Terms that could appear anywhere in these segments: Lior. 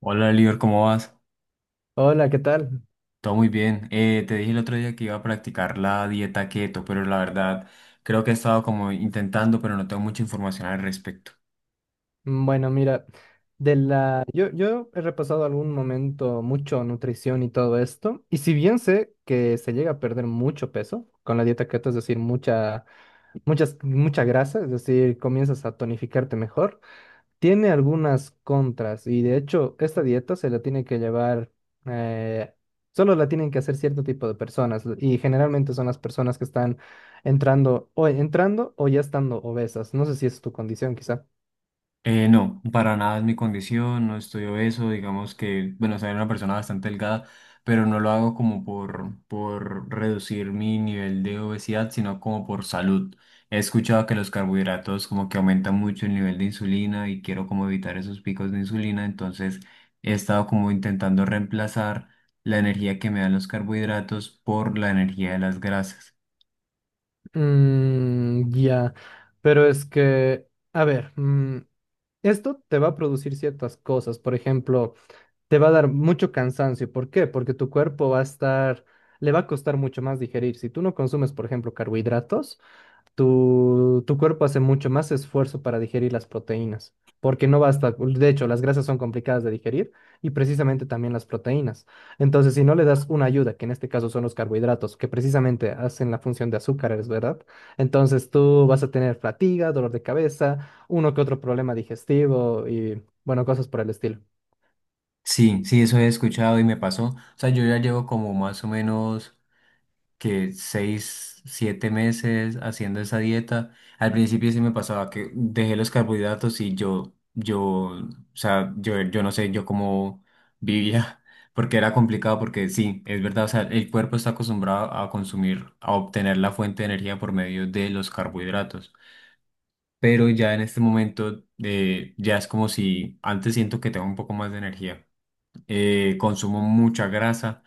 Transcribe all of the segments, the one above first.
Hola, Lior, ¿cómo vas? Hola, ¿qué tal? Todo muy bien. Te dije el otro día que iba a practicar la dieta keto, pero la verdad creo que he estado como intentando, pero no tengo mucha información al respecto. Bueno, mira, yo he repasado algún momento mucho nutrición y todo esto, y si bien sé que se llega a perder mucho peso con la dieta keto, es decir, mucha grasa, es decir, comienzas a tonificarte mejor, tiene algunas contras, y de hecho, esta dieta se la tiene que llevar, eh, solo la tienen que hacer cierto tipo de personas, y generalmente son las personas que están entrando o ya estando obesas. No sé si es tu condición, quizá. No, para nada es mi condición, no estoy obeso, digamos que, bueno, soy una persona bastante delgada, pero no lo hago como por reducir mi nivel de obesidad, sino como por salud. He escuchado que los carbohidratos como que aumentan mucho el nivel de insulina y quiero como evitar esos picos de insulina, entonces he estado como intentando reemplazar la energía que me dan los carbohidratos por la energía de las grasas. Ya, pero es que, a ver, esto te va a producir ciertas cosas. Por ejemplo, te va a dar mucho cansancio. ¿Por qué? Porque tu cuerpo va a estar, le va a costar mucho más digerir. Si tú no consumes, por ejemplo, carbohidratos, tu cuerpo hace mucho más esfuerzo para digerir las proteínas, porque no basta, de hecho, las grasas son complicadas de digerir y precisamente también las proteínas. Entonces, si no le das una ayuda, que en este caso son los carbohidratos, que precisamente hacen la función de azúcares, ¿verdad? Entonces tú vas a tener fatiga, dolor de cabeza, uno que otro problema digestivo y, bueno, cosas por el estilo. Sí, sí, eso he escuchado y me pasó. O sea, yo ya llevo como más o menos que seis, siete meses haciendo esa dieta. Al principio sí me pasaba que dejé los carbohidratos y yo no sé, yo cómo vivía, porque era complicado, porque sí, es verdad, o sea, el cuerpo está acostumbrado a consumir, a obtener la fuente de energía por medio de los carbohidratos. Pero ya en este momento, ya es como si antes siento que tengo un poco más de energía, consumo mucha grasa,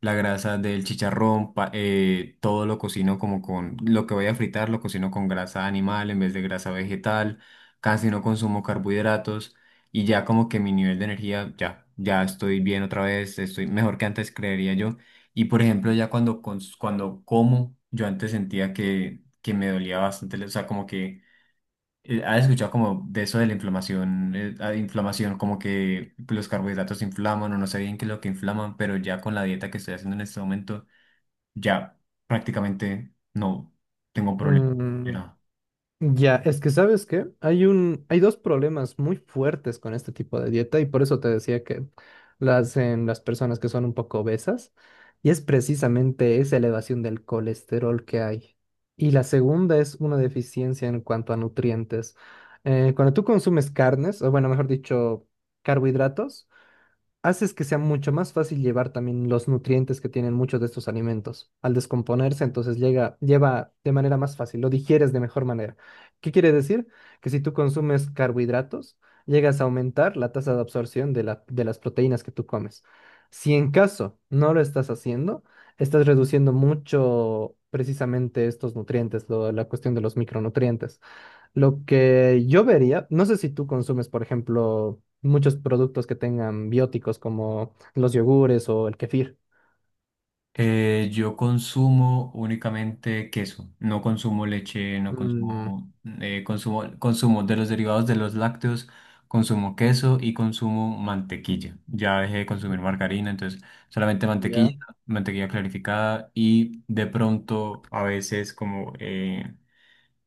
la grasa del chicharrón, todo lo cocino como con, lo que voy a fritar lo cocino con grasa animal en vez de grasa vegetal, casi no consumo carbohidratos y ya como que mi nivel de energía, ya, ya estoy bien otra vez, estoy mejor que antes creería yo. Y por ejemplo, cuando como, yo antes sentía que me dolía bastante, o sea, como que ¿has escuchado como de eso de la inflamación? Inflamación, como que los carbohidratos inflaman o no sé bien qué es lo que inflaman, pero ya con la dieta que estoy haciendo en este momento, ya prácticamente no tengo problema. Mm, Ya, es que ¿sabes qué? Hay dos problemas muy fuertes con este tipo de dieta y por eso te decía que las en las personas que son un poco obesas y es precisamente esa elevación del colesterol que hay. Y la segunda es una deficiencia en cuanto a nutrientes. Cuando tú consumes carnes, o bueno, mejor dicho, carbohidratos, haces que sea mucho más fácil llevar también los nutrientes que tienen muchos de estos alimentos. Al descomponerse, entonces lleva de manera más fácil, lo digieres de mejor manera. ¿Qué quiere decir? Que si tú consumes carbohidratos, llegas a aumentar la tasa de absorción de las proteínas que tú comes. Si en caso no lo estás haciendo, estás reduciendo mucho precisamente estos nutrientes, la cuestión de los micronutrientes. Lo que yo vería, no sé si tú consumes, por ejemplo, muchos productos que tengan bióticos como los yogures o el kefir. Yo consumo únicamente queso, no consumo leche, no Mm, consumo, consumo de los derivados de los lácteos, consumo queso y consumo mantequilla. Ya dejé de consumir margarina, entonces solamente ya, mantequilla, mantequilla clarificada y de pronto a veces como, eh,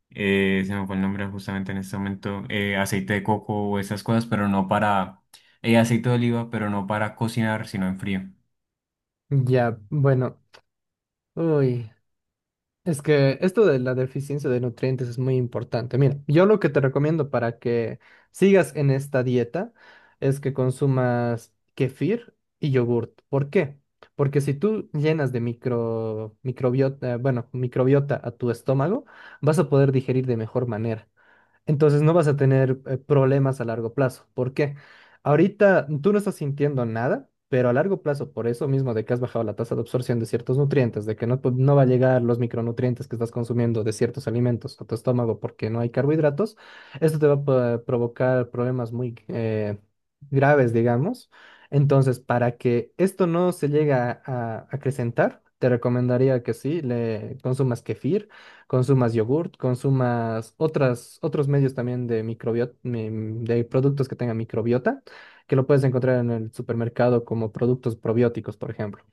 eh, se me fue el nombre justamente en este momento, aceite de coco o esas cosas, pero no para, aceite de oliva, pero no para cocinar, sino en frío. ya, bueno, uy. Es que esto de la deficiencia de nutrientes es muy importante. Mira, yo lo que te recomiendo para que sigas en esta dieta es que consumas kefir y yogurt. ¿Por qué? Porque si tú llenas de microbiota, bueno, microbiota a tu estómago, vas a poder digerir de mejor manera. Entonces no vas a tener problemas a largo plazo. ¿Por qué? Ahorita tú no estás sintiendo nada, pero a largo plazo, por eso mismo de que has bajado la tasa de absorción de ciertos nutrientes, de que no va a llegar los micronutrientes que estás consumiendo de ciertos alimentos a tu estómago porque no hay carbohidratos, esto te va a provocar problemas muy graves, digamos. Entonces, para que esto no se llegue a, acrecentar, te recomendaría que sí, le consumas kefir. Consumas yogurt, consumas otros medios también de microbiota, de productos que tengan microbiota, que lo puedes encontrar en el supermercado como productos probióticos, por ejemplo.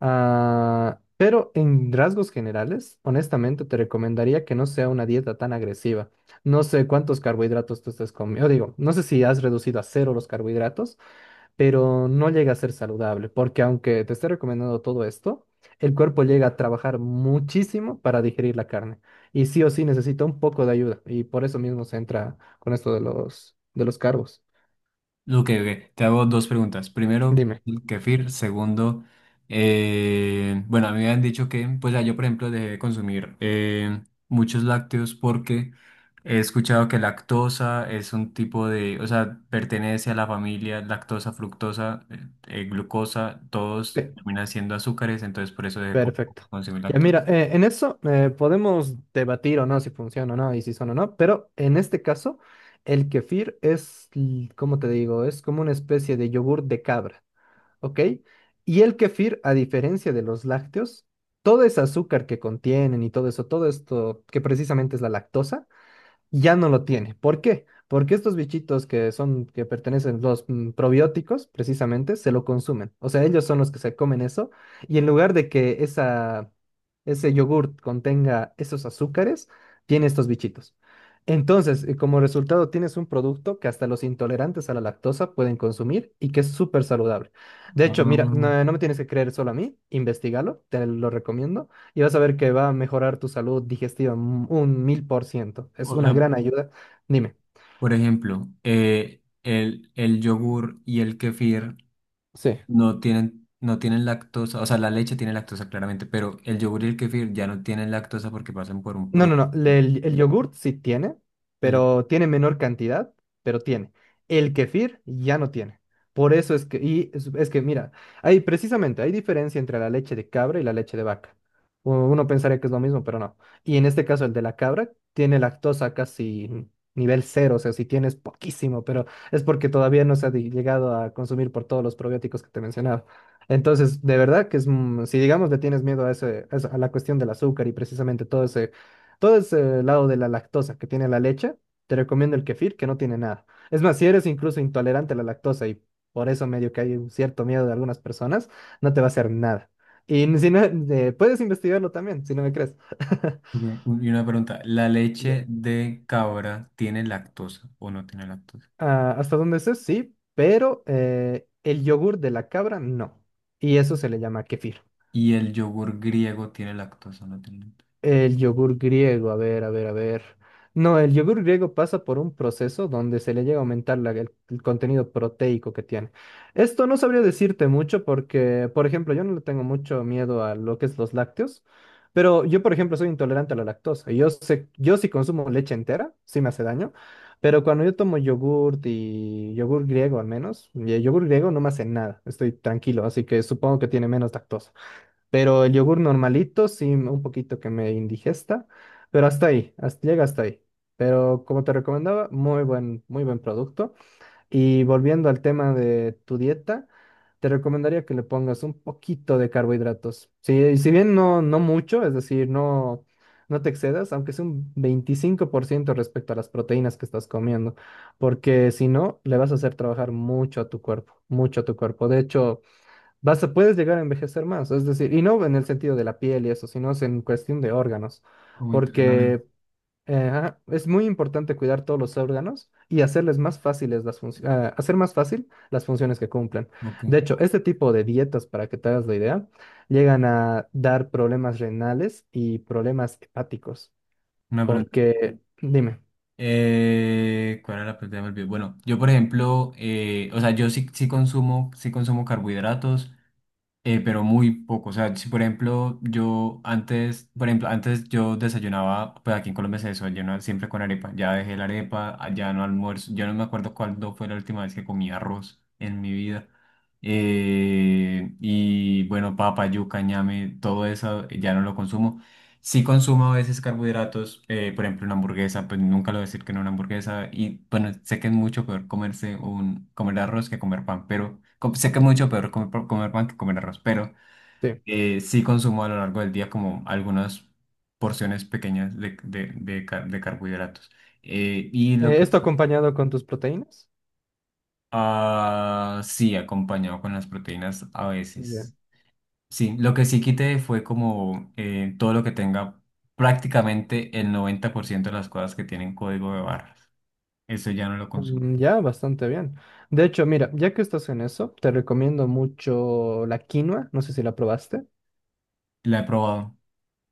Ah, pero en rasgos generales, honestamente, te recomendaría que no sea una dieta tan agresiva. No sé cuántos carbohidratos tú estés comiendo, digo, no sé si has reducido a cero los carbohidratos pero no llega a ser saludable, porque aunque te esté recomendando todo esto, el cuerpo llega a trabajar muchísimo para digerir la carne y sí o sí necesita un poco de ayuda y por eso mismo se entra con esto de los carbos. Ok, ok. Te hago dos preguntas. Primero, Dime. el kefir. Segundo, bueno, a mí me han dicho que, pues ya yo, por ejemplo, dejé de consumir muchos lácteos porque he escuchado que lactosa es un tipo de, o sea, pertenece a la familia lactosa, fructosa, glucosa, todos Sí. terminan siendo azúcares, entonces por eso dejé de Perfecto. consumir Ya mira, lactosa. En eso podemos debatir o no si funciona o no y si son o no, pero en este caso el kefir es, ¿cómo te digo? Es como una especie de yogur de cabra. ¿Ok? Y el kefir, a diferencia de los lácteos, todo ese azúcar que contienen y todo eso, todo esto que precisamente es la lactosa, ya no lo tiene. ¿Por qué? Porque estos bichitos que son, que pertenecen los probióticos, precisamente, se lo consumen. O sea, ellos son los que se comen eso. Y en lugar de que esa, ese yogurt contenga esos azúcares, tiene estos bichitos. Entonces, como resultado, tienes un producto que hasta los intolerantes a la lactosa pueden consumir y que es súper saludable. De hecho, mira, Ah, no, no me tienes que creer solo a mí, investigalo, te lo recomiendo y vas a ver que va a mejorar tu salud digestiva un 1000%. Es o una sea, gran ayuda. Dime. por ejemplo, el yogur y el kefir. Sí. No tienen, no tienen lactosa, o sea, la leche tiene lactosa claramente, pero el yogur y el kefir ya no tienen lactosa porque pasan por un No, no, proceso. no. El yogurt sí tiene, El- pero tiene menor cantidad, pero tiene. El kefir ya no tiene. Por eso es que, y es que mira, hay precisamente, hay diferencia entre la leche de cabra y la leche de vaca. Uno pensaría que es lo mismo, pero no. Y en este caso, el de la cabra tiene lactosa casi nivel cero, o sea, si tienes poquísimo, pero es porque todavía no se ha llegado a consumir por todos los probióticos que te mencionaba. Entonces, de verdad que es, mm, si digamos le tienes miedo a a la cuestión del azúcar y precisamente todo ese lado de la lactosa que tiene la leche, te recomiendo el kefir, que no tiene nada. Es más, si eres incluso intolerante a la lactosa y por eso medio que hay un cierto miedo de algunas personas, no te va a hacer nada. Y si no, puedes investigarlo también, si no me crees. ok, y una pregunta, ¿la leche Bien. de cabra tiene lactosa o no tiene lactosa? Ah, ¿hasta dónde sé? Sí, pero el yogur de la cabra no. Y eso se le llama kefir. ¿Y el yogur griego tiene lactosa o no tiene lactosa? El yogur griego, a ver, a ver, a ver. No, el yogur griego pasa por un proceso donde se le llega a aumentar el contenido proteico que tiene. Esto no sabría decirte mucho porque, por ejemplo, yo no le tengo mucho miedo a lo que es los lácteos, pero yo, por ejemplo, soy intolerante a la lactosa. Y yo sé, yo si consumo leche entera, sí me hace daño, pero cuando yo tomo yogur y yogur griego al menos, y el yogur griego no me hace nada, estoy tranquilo, así que supongo que tiene menos lactosa. Pero el yogur normalito, sí, un poquito que me indigesta, pero hasta ahí, hasta, llega hasta ahí. Pero como te recomendaba, muy buen producto. Y volviendo al tema de tu dieta, te recomendaría que le pongas un poquito de carbohidratos. Si, si bien no, no mucho, es decir, no, no te excedas, aunque sea un 25% respecto a las proteínas que estás comiendo, porque si no, le vas a hacer trabajar mucho a tu cuerpo, mucho a tu cuerpo. De hecho, vas a, puedes llegar a envejecer más, es decir, y no en el sentido de la piel y eso, sino es en cuestión de órganos, Como internamente. porque ajá, es muy importante cuidar todos los órganos y hacerles más fáciles hacer más fácil las funciones que cumplen. Ok, De hecho, este tipo de dietas, para que te hagas la idea, llegan a dar problemas renales y problemas hepáticos, una pregunta. porque, dime, ¿Cuál era la pregunta? Ya me olvidé. Bueno, yo por ejemplo, o sea, sí consumo carbohidratos. Pero muy poco. O sea, si por ejemplo yo antes, por ejemplo, antes yo desayunaba, pues aquí en Colombia se desayuna siempre con arepa. Ya dejé la arepa, ah, ya no almuerzo. Yo no me acuerdo cuándo fue la última vez que comí arroz en mi vida. Y bueno, papa, yuca, ñame, todo eso ya no lo consumo. Sí consumo a veces carbohidratos, por ejemplo una hamburguesa, pues nunca lo voy a decir que no a una hamburguesa y bueno, sé que es mucho peor comerse un, comer arroz que comer pan, pero com- sé que es mucho peor comer, comer pan que comer arroz, pero sí, sí consumo a lo largo del día como algunas porciones pequeñas de carbohidratos. Y lo que ¿esto acompañado con tus proteínas? Ah, sí, acompañado con las proteínas a veces. Sí, lo que sí quité fue como todo lo que tenga prácticamente el 90% de las cosas que tienen código de barras. Eso ya no lo consumo. Ya, bastante bien. De hecho, mira, ya que estás en eso, te recomiendo mucho la quinoa. No sé si la probaste. La he probado.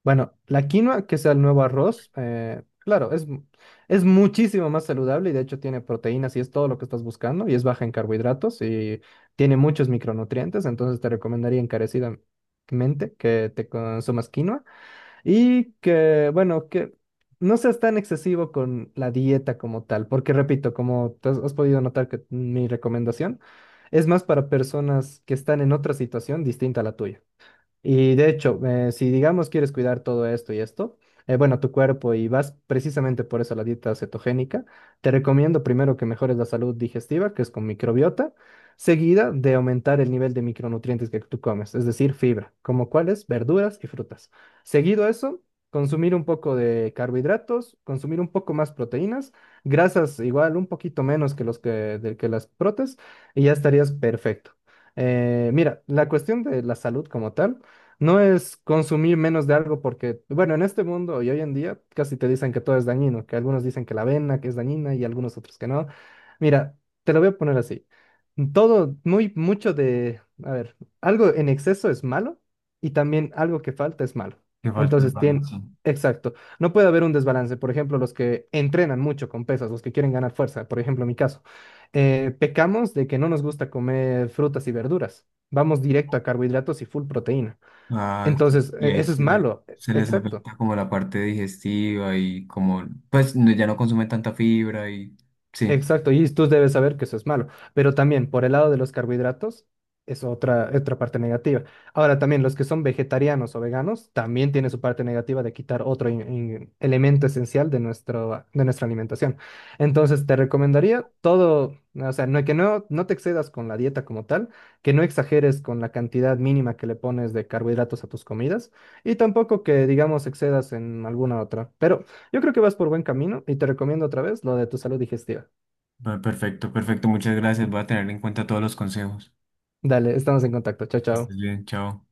Bueno, la quinoa, que sea el nuevo arroz, claro, es, es muchísimo más saludable y de hecho tiene proteínas y es todo lo que estás buscando y es baja en carbohidratos y tiene muchos micronutrientes. Entonces te recomendaría encarecidamente que te consumas quinoa. Y que, bueno, que no seas tan excesivo con la dieta como tal, porque repito, como te has podido notar que mi recomendación es más para personas que están en otra situación distinta a la tuya. Y de hecho, si digamos quieres cuidar todo esto y esto, bueno, tu cuerpo y vas precisamente por eso a la dieta cetogénica, te recomiendo primero que mejores la salud digestiva, que es con microbiota, seguida de aumentar el nivel de micronutrientes que tú comes, es decir, fibra, como cuáles, verduras y frutas. Seguido a eso, consumir un poco de carbohidratos, consumir un poco más proteínas, grasas igual un poquito menos que que las protes, y ya estarías perfecto. Mira, la cuestión de la salud como tal. No es consumir menos de algo porque, bueno, en este mundo y hoy en día casi te dicen que todo es dañino, que algunos dicen que la avena que es dañina y algunos otros que no. Mira, te lo voy a poner así. Todo, muy, mucho de, a ver, algo en exceso es malo y también algo que falta es malo. Que falta el Entonces, tiene, balance. exacto, no puede haber un desbalance. Por ejemplo, los que entrenan mucho con pesas, los que quieren ganar fuerza, por ejemplo, en mi caso, pecamos de que no nos gusta comer frutas y verduras. Vamos directo a carbohidratos y full proteína. Ah, sí. Entonces, Y ahí eso es malo, se les exacto. afecta como la parte digestiva y como, pues ya no consumen tanta fibra y sí. Exacto, y tú debes saber que eso es malo, pero también por el lado de los carbohidratos es otra parte negativa. Ahora también los que son vegetarianos o veganos también tiene su parte negativa de quitar otro elemento esencial de nuestra alimentación. Entonces te recomendaría todo, o sea, no, que no, no te excedas con la dieta como tal, que no exageres con la cantidad mínima que le pones de carbohidratos a tus comidas y tampoco que, digamos, excedas en alguna otra. Pero yo creo que vas por buen camino y te recomiendo otra vez lo de tu salud digestiva. Ah, perfecto, perfecto. Muchas gracias. Voy a tener en cuenta todos los consejos. Dale, estamos en contacto. Chao, Que estés chao. bien, chao.